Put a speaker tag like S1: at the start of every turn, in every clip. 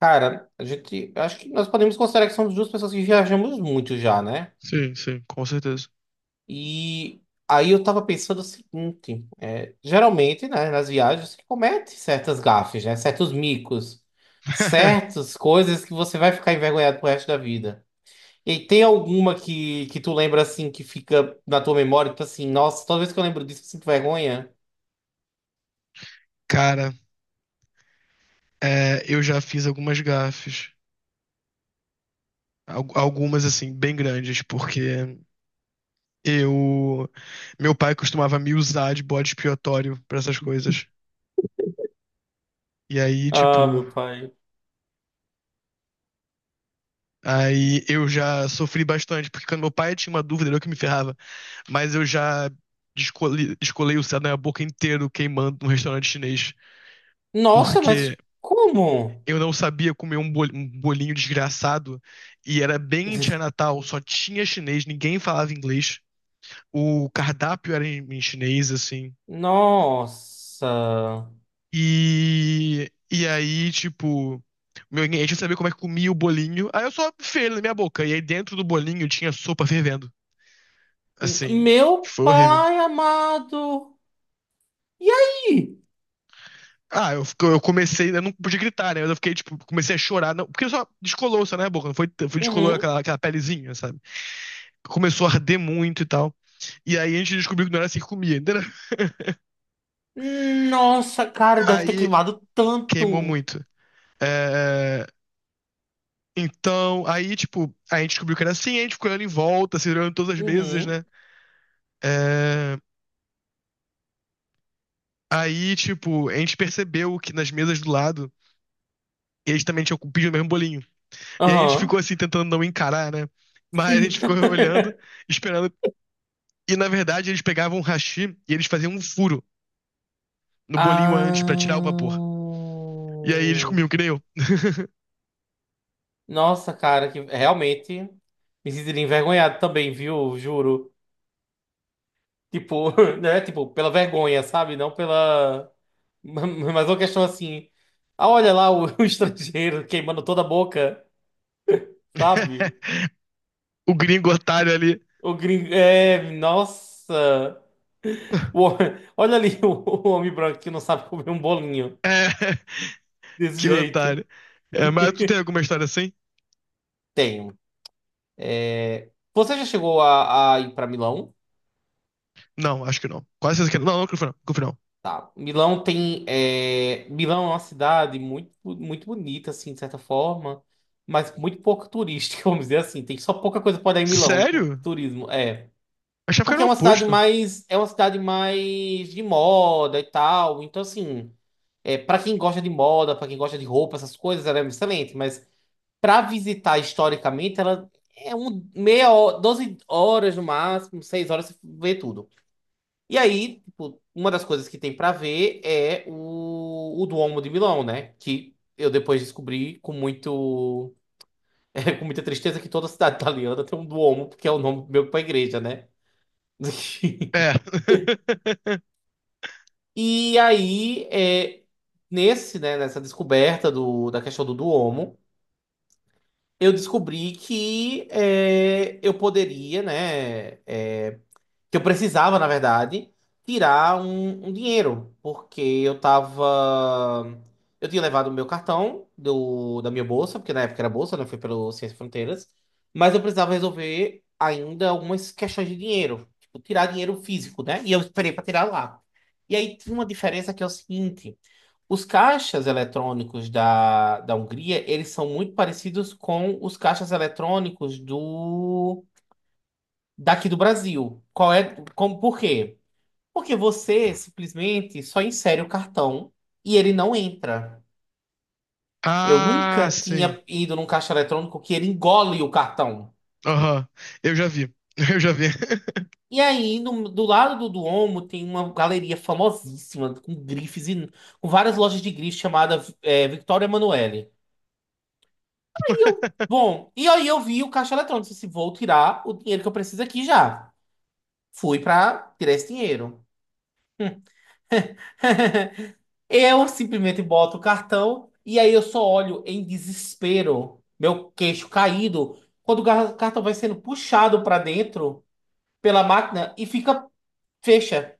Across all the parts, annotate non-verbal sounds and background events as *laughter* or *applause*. S1: Cara, eu acho que nós podemos considerar que somos duas pessoas que viajamos muito já, né?
S2: Sim, sim, com certeza.
S1: E aí eu tava pensando o seguinte, é, geralmente, né, nas viagens você comete certas gafes, né, certos micos,
S2: *laughs*
S1: certas coisas que você vai ficar envergonhado pro resto da vida. E tem alguma que tu lembra assim que fica na tua memória, tipo assim, nossa, toda vez que eu lembro disso eu sinto vergonha?
S2: Cara, eu já fiz algumas gafes, algumas assim, bem grandes, porque eu. Meu pai costumava me usar de bode expiatório pra essas coisas. E aí,
S1: Ah,
S2: tipo.
S1: meu pai.
S2: Aí eu já sofri bastante, porque quando meu pai tinha uma dúvida, era eu que me ferrava. Mas eu já descolei o céu da minha boca inteiro queimando num restaurante chinês,
S1: Nossa,
S2: porque
S1: mas como?
S2: eu não sabia comer um bolinho desgraçado. E era bem em
S1: *laughs*
S2: Natal, só tinha chinês, ninguém falava inglês. O cardápio era em chinês, assim.
S1: Nossa.
S2: E aí, tipo, meu, ninguém tinha saber como é que comia o bolinho. Aí eu só enfiei ele na minha boca. E aí dentro do bolinho tinha sopa fervendo. Assim,
S1: Meu
S2: foi horrível.
S1: pai amado. E aí?
S2: Ah, eu comecei, eu não podia gritar, né? Mas eu fiquei, tipo, comecei a chorar. Não, porque só descolou, só na minha boca, não foi descolou
S1: Uhum.
S2: aquela pelezinha, sabe? Começou a arder muito e tal. E aí a gente descobriu que não era assim que comia, entendeu?
S1: Nossa, cara, deve ter
S2: Aí
S1: queimado
S2: queimou
S1: tanto.
S2: muito. É, então, aí, tipo, a gente descobriu que era assim, a gente ficou olhando em volta, se olhando todas as mesas,
S1: Uhum.
S2: né? É, aí, tipo, a gente percebeu que nas mesas do lado, eles também tinham pedido o mesmo bolinho. E aí a gente ficou
S1: Aham.
S2: assim, tentando não encarar, né? Mas a
S1: Sim.
S2: gente ficou *laughs* olhando,
S1: *laughs*
S2: esperando. E na verdade, eles pegavam um hashi e eles faziam um furo no bolinho antes pra tirar o
S1: Ah.
S2: vapor. E aí eles comiam, que nem eu.
S1: Nossa, cara, que realmente me sentiria envergonhado também, viu? Juro. Tipo, *laughs* né? Tipo, pela vergonha, sabe? Não pela. *laughs* Mas é uma questão assim. Ah, olha lá o, *laughs* o estrangeiro queimando toda a boca, sabe?
S2: *laughs* O gringo otário ali.
S1: O gringo. É, nossa! O
S2: *laughs*
S1: homem- *laughs* olha ali o homem branco que não sabe comer um bolinho
S2: É,
S1: desse
S2: que
S1: jeito.
S2: otário. É, mas tu tem alguma história assim?
S1: Tenho. É, você já chegou a ir para Milão?
S2: Não, acho que não. Quase certeza que não. Não, não, Cliff, não. Cliff, não.
S1: Tá. Milão tem. É, Milão é uma cidade muito, muito bonita, assim, de certa forma, mas muito pouco turística, *laughs* vamos dizer assim. Tem só pouca coisa para dar em Milão, com
S2: Sério?
S1: turismo. É.
S2: Achava que
S1: Porque
S2: era
S1: é
S2: o
S1: uma cidade
S2: oposto.
S1: mais, é uma cidade mais de moda e tal. Então, assim, é, para quem gosta de moda, para quem gosta de roupa, essas coisas, ela é excelente. Mas para visitar historicamente, ela é um meia hora, 12 horas no máximo, 6 horas você vê tudo. E aí, tipo, uma das coisas que tem para ver é o Duomo de Milão, né? Que eu depois descobri com muito, *laughs* com muita tristeza que toda cidade italiana tem um Duomo, porque é o nome meu para igreja, né? *laughs*
S2: É. *laughs*
S1: E aí, é, nessa descoberta da questão do Duomo, eu descobri que é, eu poderia, né, é, que eu precisava, na verdade, tirar um dinheiro, porque eu tava. Eu tinha levado o meu cartão da minha bolsa, porque na época era bolsa, né? Foi pelo Ciência Fronteiras, mas eu precisava resolver ainda algumas questões de dinheiro, tipo, tirar dinheiro físico, né? E eu esperei para tirar lá. E aí tinha uma diferença que é o seguinte: os caixas eletrônicos da Hungria, eles são muito parecidos com os caixas eletrônicos do daqui do Brasil. Qual é, como, por quê? Porque você simplesmente só insere o cartão e ele não entra. Eu
S2: Ah,
S1: nunca
S2: sim.
S1: tinha ido num caixa eletrônico que ele engole o cartão.
S2: Aham. Eu já vi. *laughs* Eu já vi.
S1: E aí, do lado do Duomo, tem uma galeria famosíssima, com grifes e com várias lojas de grifes, chamada é, Victoria Emanuele. Aí eu,
S2: *laughs*
S1: bom, e aí eu vi o caixa eletrônico. Disse, assim, vou tirar o dinheiro que eu preciso aqui já. Fui pra tirar esse dinheiro. *laughs* Eu simplesmente boto o cartão e aí eu só olho em desespero, meu queixo caído, quando o cartão vai sendo puxado para dentro pela máquina e fica fecha.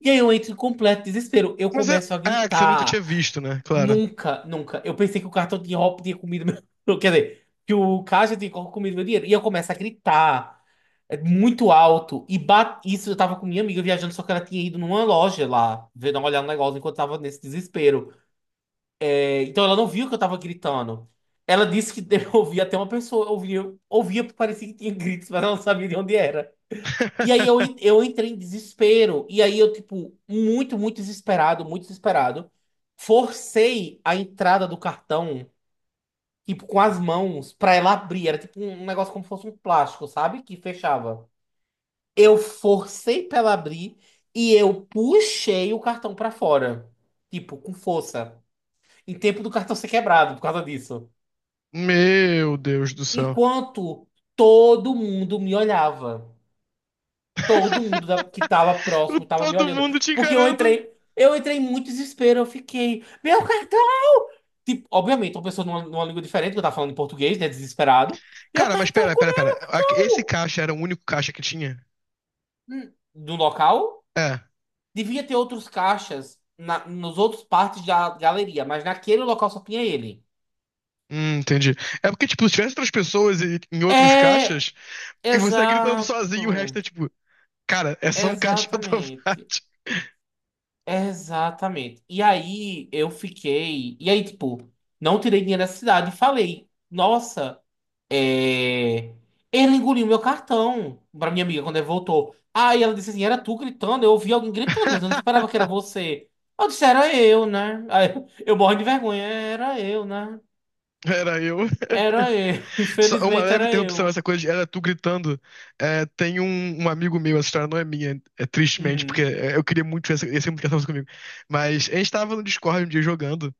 S1: E aí eu entro em completo desespero. Eu
S2: Mas é.
S1: começo a
S2: Ah, que você nunca tinha
S1: gritar.
S2: visto, né? Claro.
S1: Nunca, nunca. Eu pensei que o cartão tinha, tinha comido meu. *laughs* Quer dizer, que o caixa tinha comido meu dinheiro. E eu começo a gritar é, muito alto. E isso eu tava com minha amiga viajando, só que ela tinha ido numa loja lá, ver dar uma olhada no negócio enquanto eu tava nesse desespero. Então ela não viu que eu tava gritando. Ela disse que *laughs* eu ouvia até uma pessoa, ouvia, ouvia, porque parecia que tinha gritos, mas ela não sabia de onde era. E aí eu,
S2: *laughs*
S1: eu entrei em desespero. E aí eu, tipo, muito, muito desesperado, forcei a entrada do cartão, tipo, com as mãos, pra ela abrir. Era tipo um negócio como se fosse um plástico, sabe? Que fechava. Eu forcei pra ela abrir e eu puxei o cartão pra fora, tipo, com força. Em tempo do cartão ser quebrado por causa disso.
S2: Meu Deus do céu.
S1: Enquanto todo mundo me olhava. Todo mundo
S2: *laughs*
S1: que tava próximo tava me
S2: Todo
S1: olhando.
S2: mundo te
S1: Porque
S2: encarando.
S1: eu entrei em muito desespero. Eu fiquei, meu cartão! Tipo, obviamente, uma pessoa numa língua diferente, que eu tava falando em português, né? Desesperado. Meu
S2: Cara, mas
S1: cartão
S2: pera, pera,
S1: comeu!
S2: pera. Esse caixa era o único caixa que tinha?
S1: Do local,
S2: É.
S1: devia ter outros caixas na, nos outros partes da galeria, mas naquele local só tinha ele.
S2: Entendi. É porque, tipo, se tivesse outras pessoas em outros
S1: É,
S2: caixas, e você tá gritando
S1: exato.
S2: sozinho, e o resto é tipo, cara, é só um caixa
S1: Exatamente.
S2: automático.
S1: Exatamente. E aí eu fiquei. E aí, tipo, não tirei dinheiro da cidade e falei: Nossa, é, ele engoliu meu cartão. Pra minha amiga, quando ele voltou. Aí ela disse assim: Era tu gritando? Eu ouvi alguém gritando, mas eu não esperava que era
S2: *laughs*
S1: você. Eu disse: Era eu, né? Aí *laughs* eu morro de vergonha: Era eu, né?
S2: Era eu.
S1: Era eu. *laughs*
S2: *laughs* Só uma
S1: Infelizmente
S2: leve
S1: era
S2: interrupção,
S1: eu.
S2: essa coisa de era tu gritando. É, tem um amigo meu, essa história não é minha, é tristemente, porque
S1: Uhum,
S2: é, eu queria muito essa comunicação comigo. Mas a gente tava no Discord um dia jogando.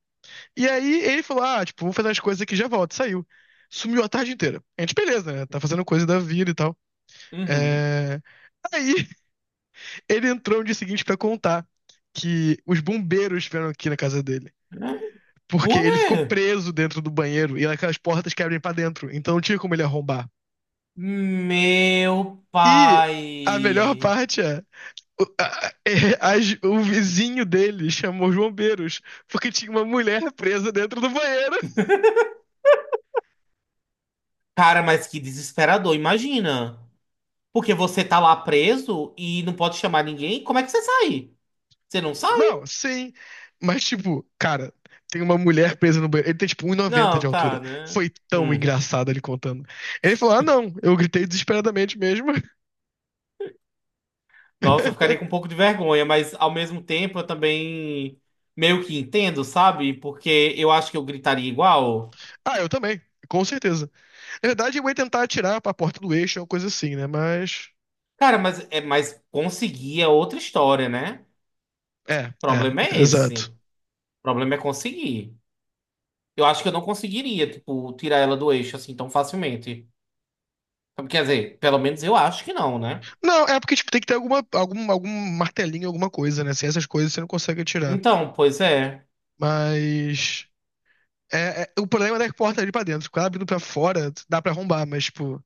S2: E aí ele falou: Ah, tipo, vou fazer umas coisas aqui, e já volto. Saiu. Sumiu a tarde inteira. A gente, beleza, né? Tá fazendo coisa da vida e tal.
S1: uhum.
S2: É... Aí ele entrou no dia seguinte pra contar que os bombeiros vieram aqui na casa dele. Porque
S1: Por
S2: ele ficou
S1: quê?
S2: preso dentro do banheiro e aquelas portas que abrem pra dentro. Então não tinha como ele arrombar.
S1: Meu
S2: E a melhor
S1: pai.
S2: parte é. O, a- é, o vizinho dele chamou os bombeiros porque tinha uma mulher presa dentro do banheiro.
S1: Cara, mas que desesperador, imagina. Porque você tá lá preso e não pode chamar ninguém, como é que você sai? Você não
S2: Não,
S1: sai?
S2: sim. Mas, tipo, cara, tem uma mulher presa no banheiro. Ele tem, tipo, 1,90 de
S1: Não, tá,
S2: altura.
S1: né?
S2: Foi tão
S1: Hum.
S2: engraçado ele contando. Ele falou: Ah, não, eu gritei desesperadamente mesmo.
S1: Nossa, eu ficaria com um
S2: *laughs*
S1: pouco de vergonha, mas ao mesmo tempo eu também meio que entendo, sabe? Porque eu acho que eu gritaria igual.
S2: Ah, eu também, com certeza. Na verdade, eu ia tentar atirar pra porta do eixo, uma coisa assim, né? Mas.
S1: Cara, mas, é, mas conseguir é outra história, né?
S2: É,
S1: O
S2: é,
S1: problema é esse.
S2: exato.
S1: O problema é conseguir. Eu acho que eu não conseguiria, tipo, tirar ela do eixo assim tão facilmente. Quer dizer, pelo menos eu acho que não, né?
S2: Não, é porque tipo, tem que ter algum martelinho, alguma coisa, né? Sem essas coisas você não consegue atirar.
S1: Então, pois é.
S2: Mas. É, o problema não é que a porta é ali pra dentro. Quando ela abrindo pra fora, dá pra arrombar, mas, tipo,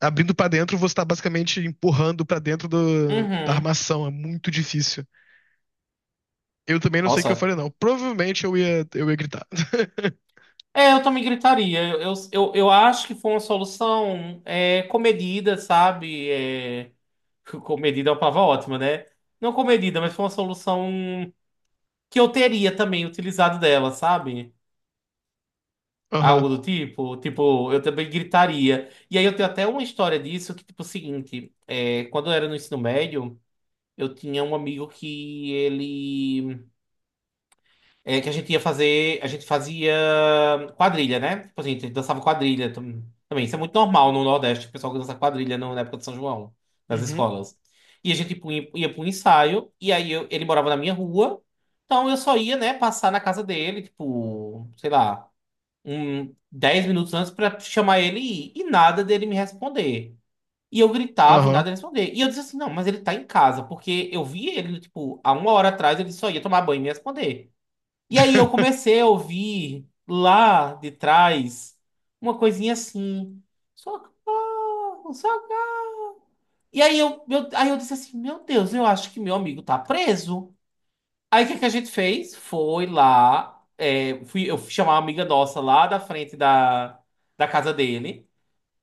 S2: abrindo pra dentro, você tá basicamente empurrando pra dentro da
S1: Uhum.
S2: armação. É muito difícil. Eu também não sei o que eu
S1: Nossa.
S2: falei, não. Provavelmente eu ia gritar. *laughs*
S1: É, eu também gritaria. Eu acho que foi uma solução é, comedida, sabe? É, *laughs* comedida é uma palavra ótima, né? Não comedida, mas foi uma solução que eu teria também utilizado dela, sabe?
S2: Aham.
S1: Algo do tipo. Tipo, eu também gritaria. E aí eu tenho até uma história disso que, tipo, é o seguinte: é, quando eu era no ensino médio, eu tinha um amigo que ele. É que a gente ia fazer, a gente fazia quadrilha, né? Tipo assim, a gente dançava quadrilha também. Isso é muito normal no Nordeste, o pessoal que dança quadrilha na época de São João, nas
S2: Uhum.
S1: escolas. E a ia para um ensaio, e aí ele morava na minha rua, então eu só ia, né, passar na casa dele, tipo, sei lá, um 10 minutos antes pra chamar ele e ir, e nada dele me responder. E eu gritava e
S2: Aham.
S1: nada ele responder. E eu disse assim, não, mas ele tá em casa, porque eu vi ele, tipo, há uma hora atrás ele só ia tomar banho e me responder. E aí eu
S2: *laughs*
S1: comecei a ouvir lá de trás uma coisinha assim. Socorro, socorro. E aí eu, aí eu disse assim, meu Deus, eu acho que meu amigo tá preso. Aí o que que a gente fez? Foi lá, é, fui, eu fui chamar uma amiga nossa lá da frente da casa dele.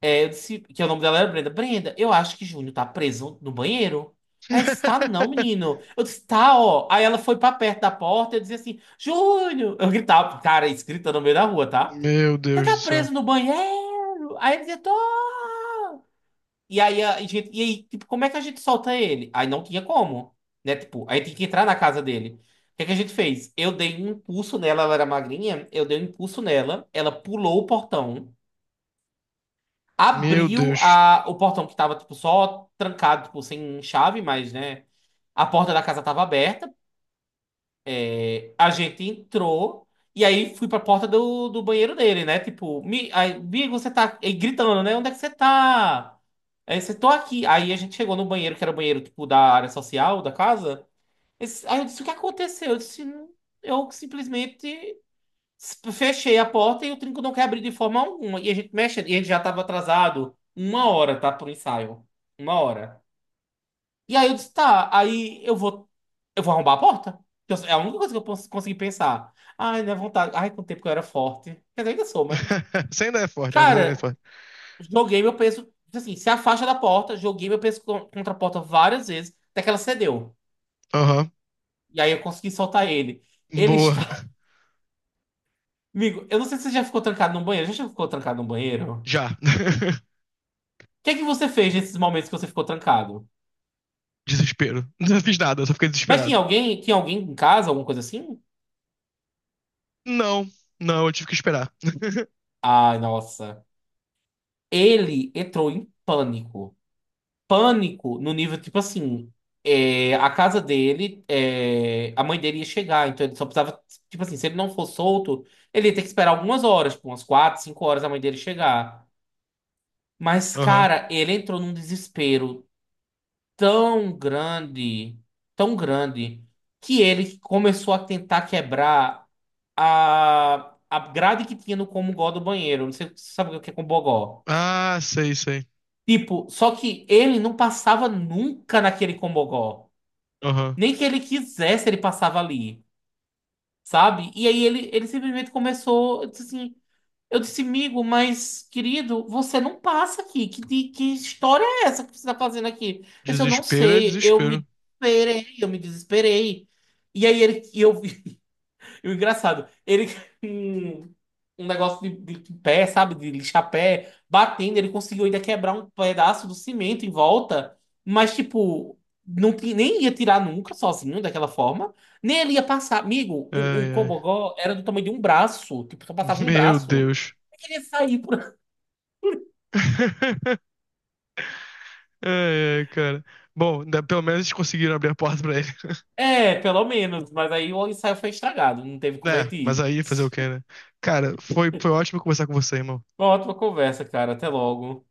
S1: É, eu disse que o nome dela era Brenda. Brenda, eu acho que Júnior tá preso no banheiro. Ela disse, tá não,
S2: *laughs*
S1: menino. Eu disse, tá, ó. Aí ela foi pra perto da porta, e eu dizia assim, Júnior! Eu gritava, cara, escrita no meio da rua, tá?
S2: Meu
S1: Você
S2: Deus
S1: tá
S2: do céu.
S1: preso no banheiro? Aí ele dizia, tô. E aí, a gente, e aí, tipo, como é que a gente solta ele? Aí não tinha como, né? Tipo, aí tem que entrar na casa dele. O que é que a gente fez? Eu dei um impulso nela, ela era magrinha, eu dei um impulso nela, ela pulou o portão.
S2: Meu
S1: Abriu
S2: Deus.
S1: a, o portão que tava, tipo, só trancado, tipo, sem chave, mas, né? A porta da casa tava aberta. É, a gente entrou. E aí fui pra porta do banheiro dele, né? Tipo, aí, Migo, você tá aí gritando, né? Onde é que você tá? Aí você tô aqui. Aí a gente chegou no banheiro, que era o banheiro, tipo, da área social da casa. Aí eu disse, o que aconteceu? Eu disse, "Não, eu simplesmente fechei a porta e o trinco não quer abrir de forma alguma. E a gente mexe, e ele já estava atrasado 1 hora, tá? Pro ensaio. 1 hora. E aí eu disse, tá, aí eu vou. Eu vou arrombar a porta. É a única coisa que eu consegui pensar. Ai, minha vontade. Ai, com o tempo que eu era forte. Quer dizer, ainda sou, mas.
S2: *laughs* Você ainda é forte, né? Você ainda é
S1: Cara,
S2: forte.
S1: joguei meu peso. Assim, se afasta da porta, joguei meu peso contra a porta várias vezes, até que ela cedeu.
S2: Aham.
S1: E aí eu consegui soltar ele. Ele
S2: Boa.
S1: está. *laughs* Amigo, eu não sei se você já ficou trancado num banheiro. Já ficou trancado num banheiro?
S2: Já. *laughs*
S1: Que é que você fez nesses momentos que você ficou trancado?
S2: Desespero. Não fiz nada, só fiquei
S1: Mas
S2: desesperado.
S1: tinha alguém em casa, alguma coisa assim?
S2: Não, não, eu tive que esperar.
S1: Ai, nossa. Ele entrou em pânico. Pânico no nível, tipo assim, é, a casa dele, é, a mãe dele ia chegar, então ele só precisava, tipo assim, se ele não for solto, ele ia ter que esperar algumas horas, tipo, umas quatro, cinco horas a mãe dele chegar. Mas,
S2: Aham.
S1: cara, ele entrou num desespero tão grande, tão grande, que ele começou a tentar quebrar a grade que tinha no Comungó do banheiro. Não sei se você sabe o que é Combogó.
S2: Ah, sei, sei.
S1: Tipo, só que ele não passava nunca naquele Combogó.
S2: Aham.
S1: Nem que ele quisesse, ele passava ali, sabe? E aí ele simplesmente começou, eu disse assim, eu disse, amigo, mas querido, você não passa aqui. Que, que história é essa que você está fazendo aqui? Eu disse, eu não
S2: Desespero é
S1: sei, eu me
S2: desespero.
S1: desesperei, eu me desesperei. E aí ele, e eu, *laughs* e o engraçado, ele *laughs* com um negócio de pé, sabe? De lixar pé, batendo, ele conseguiu ainda quebrar um pedaço do cimento em volta, mas tipo, não, nem ia tirar nunca sozinho daquela forma, nem ele ia passar. Amigo,
S2: Ai,
S1: o
S2: ai.
S1: Cobogó era do tamanho de um braço, tipo, só passava um
S2: Meu
S1: braço.
S2: Deus.
S1: Eu queria sair por. *laughs*
S2: *laughs* Ai, ai, cara. Bom, pelo menos eles conseguiram abrir a porta pra ele. *laughs*
S1: É, pelo menos, mas aí o ensaio foi estragado, não teve como a
S2: É,
S1: gente
S2: mas
S1: ir.
S2: aí fazer o quê, né? Cara, foi ótimo conversar com você, irmão.
S1: Uma ótima conversa, cara. Até logo.